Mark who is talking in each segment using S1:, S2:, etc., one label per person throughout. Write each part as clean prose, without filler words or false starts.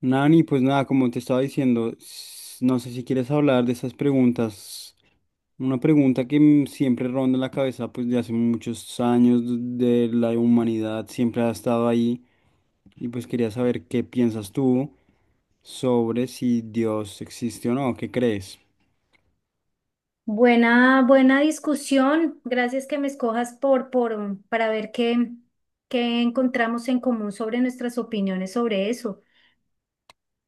S1: Nani, pues nada, como te estaba diciendo, no sé si quieres hablar de esas preguntas. Una pregunta que siempre ronda en la cabeza, pues de hace muchos años de la humanidad, siempre ha estado ahí. Y pues quería saber qué piensas tú sobre si Dios existe o no, ¿qué crees?
S2: Buena, buena discusión. Gracias que me escojas para ver qué encontramos en común sobre nuestras opiniones sobre eso.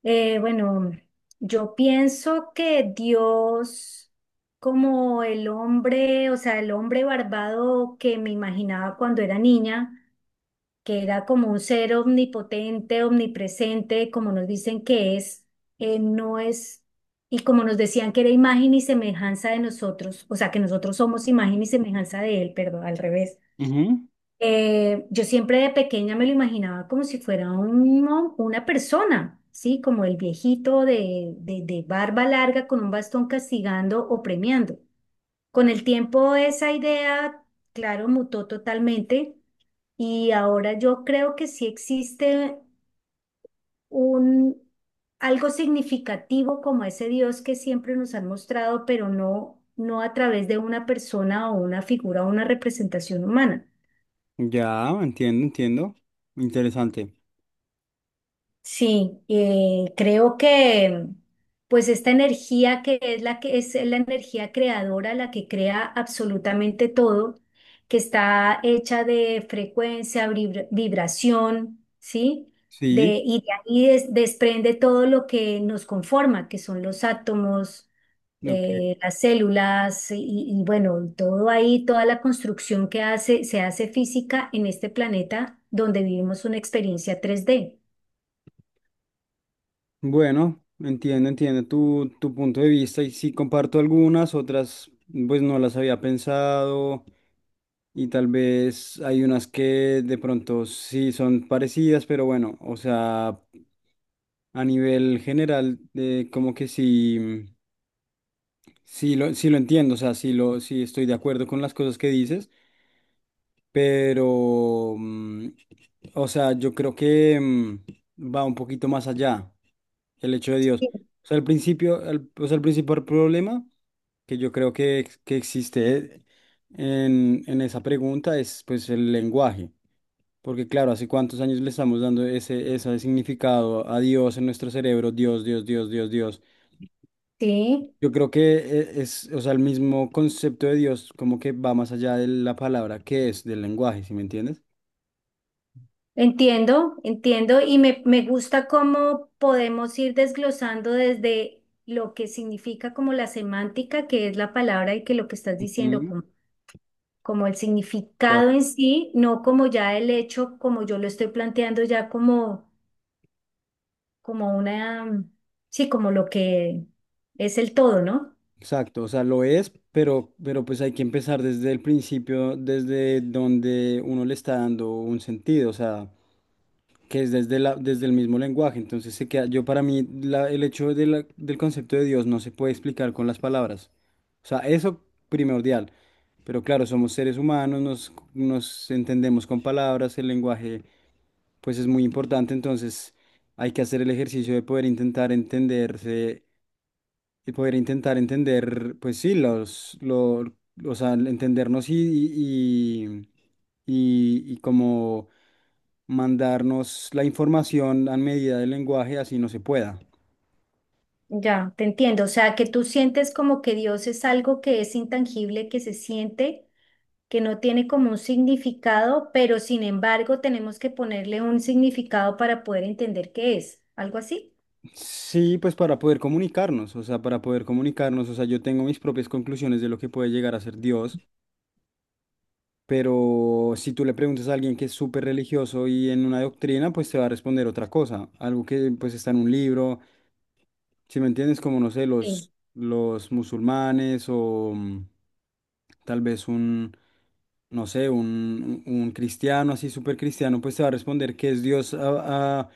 S2: Bueno, yo pienso que Dios, como el hombre, o sea, el hombre barbado que me imaginaba cuando era niña, que era como un ser omnipotente, omnipresente, como nos dicen que es, no es, y como nos decían que era imagen y semejanza de nosotros, o sea, que nosotros somos imagen y semejanza de él, perdón, al revés.
S1: Ujú.
S2: Yo siempre de pequeña me lo imaginaba como si fuera un una persona, ¿sí? Como el viejito de barba larga con un bastón castigando o premiando. Con el tiempo esa idea, claro, mutó totalmente y ahora yo creo que sí existe un algo significativo como ese Dios que siempre nos han mostrado, pero no a través de una persona o una figura o una representación humana.
S1: Ya, entiendo, entiendo. Interesante.
S2: Sí, creo que pues esta energía que es la energía creadora, la que crea absolutamente todo, que está hecha de frecuencia, vibración, ¿sí?
S1: Sí,
S2: Y de ahí desprende todo lo que nos conforma, que son los átomos,
S1: ok.
S2: las células y bueno, todo ahí, toda la construcción que hace, se hace física en este planeta donde vivimos una experiencia tres d.
S1: Bueno, entiendo, entiendo tu punto de vista y sí comparto algunas, otras pues no las había pensado y tal vez hay unas que de pronto sí son parecidas, pero bueno, o sea, a nivel general como que sí, sí lo entiendo, o sea, sí, lo, sí estoy de acuerdo con las cosas que dices, pero, o sea, yo creo que va un poquito más allá. El hecho de Dios. O sea, el principio, o sea, el principal problema que yo creo que, que existe en esa pregunta es pues el lenguaje. Porque claro, ¿hace cuántos años le estamos dando ese significado a Dios en nuestro cerebro? Dios, Dios, Dios, Dios, Dios.
S2: Sí,
S1: Yo creo que es, o sea, el mismo concepto de Dios como que va más allá de la palabra que es del lenguaje, ¿sí me entiendes?
S2: entiendo, entiendo y me gusta cómo podemos ir desglosando desde lo que significa como la semántica, que es la palabra y que lo que estás diciendo,
S1: Ujú.
S2: como, como el significado en sí, no como ya el hecho, como yo lo estoy planteando ya como, como una, sí, como lo que es el todo, ¿no?
S1: Exacto, o sea, lo es, pero pues hay que empezar desde el principio, desde donde uno le está dando un sentido, o sea, que es desde el mismo lenguaje. Entonces se queda, yo para mí el hecho del concepto de Dios no se puede explicar con las palabras. O sea, eso primordial. Pero claro, somos seres humanos, nos entendemos con palabras, el lenguaje pues es muy importante, entonces hay que hacer el ejercicio de poder intentar entenderse y poder intentar entender, pues sí, o sea, entendernos y como mandarnos la información a medida del lenguaje, así no se pueda.
S2: Ya, te entiendo. O sea, que tú sientes como que Dios es algo que es intangible, que se siente que no tiene como un significado, pero sin embargo tenemos que ponerle un significado para poder entender qué es, algo así.
S1: Sí, pues para poder comunicarnos, o sea, para poder comunicarnos, o sea, yo tengo mis propias conclusiones de lo que puede llegar a ser Dios, pero si tú le preguntas a alguien que es súper religioso y en una doctrina, pues te va a responder otra cosa, algo que pues está en un libro. Si me entiendes, como no sé,
S2: Sí.
S1: los musulmanes o tal vez no sé, un cristiano así súper cristiano, pues te va a responder que es Dios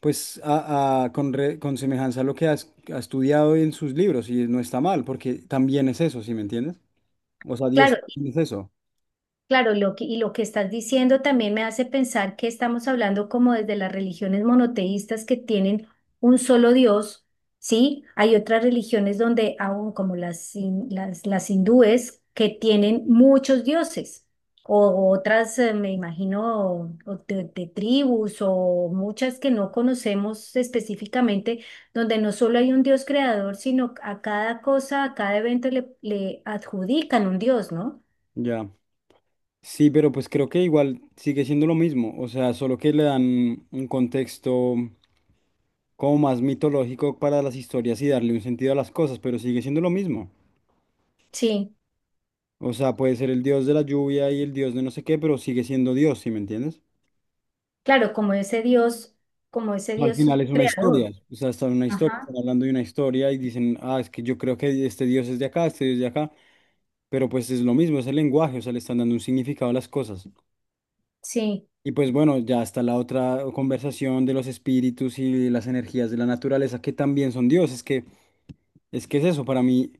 S1: pues con semejanza a lo que ha estudiado en sus libros y no está mal, porque también es eso, ¿sí me entiendes? O sea, Dios
S2: Claro,
S1: también es eso.
S2: claro, y lo que estás diciendo también me hace pensar que estamos hablando como desde las religiones monoteístas que tienen un solo Dios, ¿sí? Hay otras religiones donde aún como las hindúes que tienen muchos dioses, o otras, me imagino, o de tribus o muchas que no conocemos específicamente, donde no solo hay un Dios creador, sino a cada cosa, a cada evento le adjudican un Dios, ¿no?
S1: Ya. Sí, pero pues creo que igual sigue siendo lo mismo, o sea, solo que le dan un contexto como más mitológico para las historias y darle un sentido a las cosas, pero sigue siendo lo mismo.
S2: Sí.
S1: O sea, puede ser el dios de la lluvia y el dios de no sé qué, pero sigue siendo Dios, ¿sí me entiendes?
S2: Claro, como ese
S1: Al
S2: Dios
S1: final es una historia,
S2: creador.
S1: o sea, está en una historia, están
S2: Ajá.
S1: hablando de una historia y dicen, ah, es que yo creo que este dios es de acá, este dios es de acá, pero pues es lo mismo, es el lenguaje, o sea, le están dando un significado a las cosas.
S2: Sí,
S1: Y pues bueno, ya está la otra conversación de los espíritus y las energías de la naturaleza, que también son dios. Es que es eso, para mí,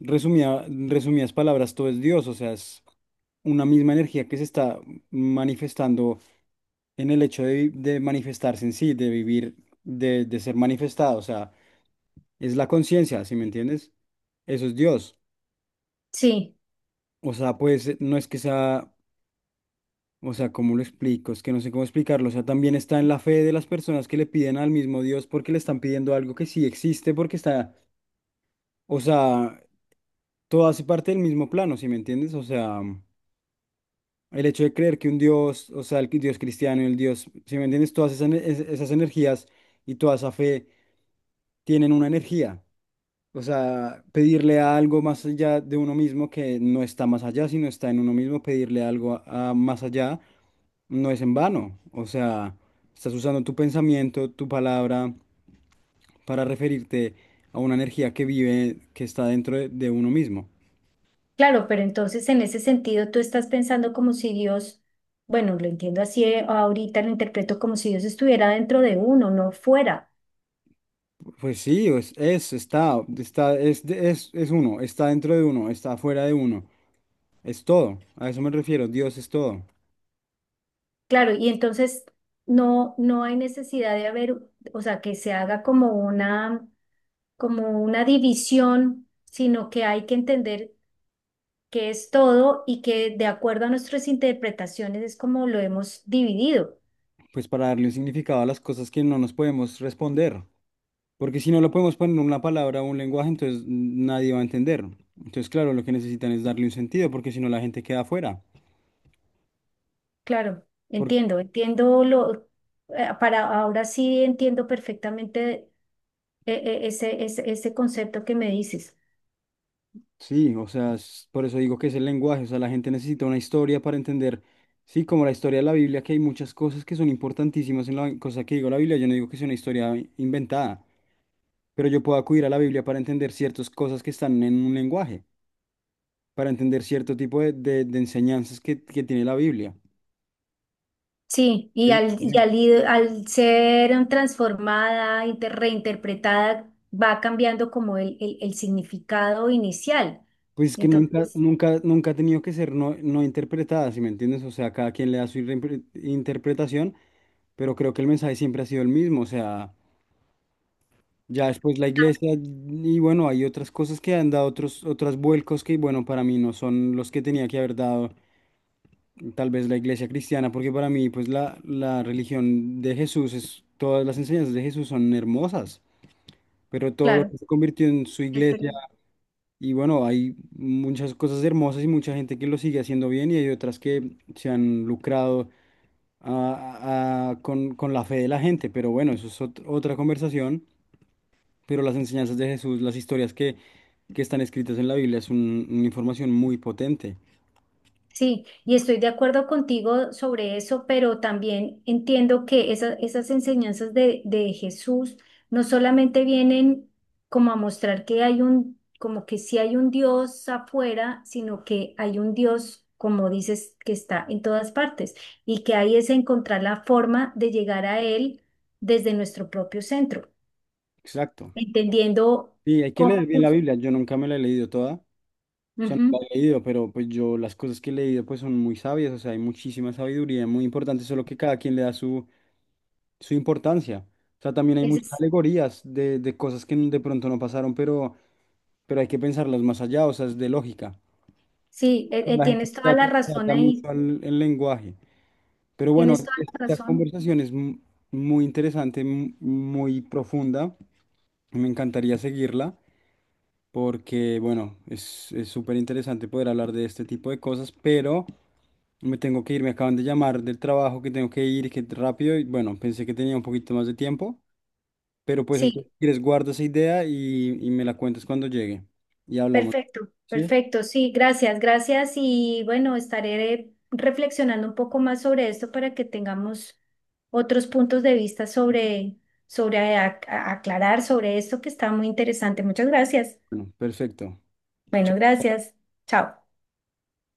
S1: Resumidas palabras, todo es Dios, o sea, es una misma energía que se está manifestando en el hecho de, de manifestarse en sí, de vivir, de ser manifestado, o sea, es la conciencia, ¿sí me entiendes? Eso es Dios.
S2: sí,
S1: O sea, pues no es que sea, o sea, ¿cómo lo explico? Es que no sé cómo explicarlo, o sea, también está en la fe de las personas que le piden al mismo Dios porque le están pidiendo algo que sí existe, porque está, o sea, todo hace parte del mismo plano, ¿sí me entiendes? O sea. El hecho de creer que un Dios, o sea, Dios cristiano, el Dios, si me entiendes, todas esas energías y toda esa fe tienen una energía. O sea, pedirle a algo más allá de uno mismo que no está más allá, sino está en uno mismo, pedirle algo a más allá no es en vano. O sea, estás usando tu pensamiento, tu palabra para referirte a una energía que vive, que está dentro de uno mismo.
S2: claro, pero entonces en ese sentido tú estás pensando como si Dios, bueno, lo entiendo así, ahorita, lo interpreto como si Dios estuviera dentro de uno, no fuera.
S1: Pues sí, es uno, está dentro de uno, está afuera de uno, es todo, a eso me refiero, Dios es todo.
S2: Claro, y entonces no, no hay necesidad de haber, o sea, que se haga como una división, sino que hay que entender que es todo y que de acuerdo a nuestras interpretaciones es como lo hemos dividido.
S1: Pues para darle un significado a las cosas que no nos podemos responder, porque si no lo podemos poner en una palabra o un lenguaje, entonces nadie va a entender. Entonces, claro, lo que necesitan es darle un sentido, porque si no la gente queda afuera.
S2: Claro, entiendo, entiendo lo, para ahora sí entiendo perfectamente ese concepto que me dices.
S1: Sí, o sea, por eso digo que es el lenguaje, o sea, la gente necesita una historia para entender, sí, como la historia de la Biblia, que hay muchas cosas que son importantísimas en la cosa que digo la Biblia, yo no digo que sea una historia inventada, pero yo puedo acudir a la Biblia para entender ciertas cosas que están en un lenguaje, para entender cierto tipo de, de enseñanzas que tiene la Biblia.
S2: Sí, y
S1: ¿Entiendes?
S2: al,
S1: Por
S2: y al,
S1: ejemplo,
S2: ir- al ser transformada, reinterpretada, va cambiando como el significado inicial.
S1: pues es que nunca,
S2: Entonces,
S1: nunca, nunca ha tenido que ser no, no interpretada, ¿sí me entiendes? O sea, cada quien le da su interpretación, pero creo que el mensaje siempre ha sido el mismo, o sea. Ya después la iglesia y bueno, hay otras cosas que han dado otros vuelcos que bueno, para mí no son los que tenía que haber dado tal vez la iglesia cristiana, porque para mí pues la religión de Jesús es, todas las enseñanzas de Jesús son hermosas, pero todo lo
S2: claro,
S1: que se convirtió en su
S2: es
S1: iglesia
S2: verdad.
S1: y bueno, hay muchas cosas hermosas y mucha gente que lo sigue haciendo bien y hay otras que se han lucrado con la fe de la gente, pero bueno, eso es otra conversación. Pero las enseñanzas de Jesús, las historias que están escritas en la Biblia es una información muy potente.
S2: Sí, y estoy de acuerdo contigo sobre eso, pero también entiendo que esas enseñanzas de Jesús no solamente vienen como a mostrar que hay un, como que sí hay un Dios afuera, sino que hay un Dios, como dices, que está en todas partes y que ahí es encontrar la forma de llegar a Él desde nuestro propio centro,
S1: Exacto.
S2: entendiendo
S1: Y hay que leer
S2: cómo...
S1: bien la Biblia. Yo nunca me la he leído toda. O sea, no
S2: Ujú,
S1: la he leído, pero pues yo las cosas que he leído pues son muy sabias. O sea, hay muchísima sabiduría, muy importante, solo que cada quien le da su importancia. O sea, también hay
S2: ese
S1: muchas
S2: es-
S1: alegorías de, cosas que de pronto no pasaron, pero hay que pensarlas más allá, o sea, es de lógica.
S2: sí,
S1: La gente
S2: tienes toda la
S1: se
S2: razón
S1: ata mucho
S2: ahí,
S1: al el lenguaje. Pero bueno,
S2: tienes toda la
S1: esta
S2: razón.
S1: conversación es muy interesante, muy profunda. Me encantaría seguirla porque, bueno, es súper interesante poder hablar de este tipo de cosas, pero me tengo que ir, me acaban de llamar del trabajo que tengo que ir, que rápido, y bueno, pensé que tenía un poquito más de tiempo, pero pues
S2: Sí,
S1: entonces, si quieres, guarda esa idea y me la cuentas cuando llegue. Y hablamos,
S2: perfecto,
S1: ¿sí?
S2: perfecto. Sí, gracias, gracias. Y bueno, estaré reflexionando un poco más sobre esto para que tengamos otros puntos de vista sobre, sobre aclarar sobre esto que está muy interesante. Muchas gracias.
S1: Bueno, perfecto.
S2: Bueno, gracias. Chao.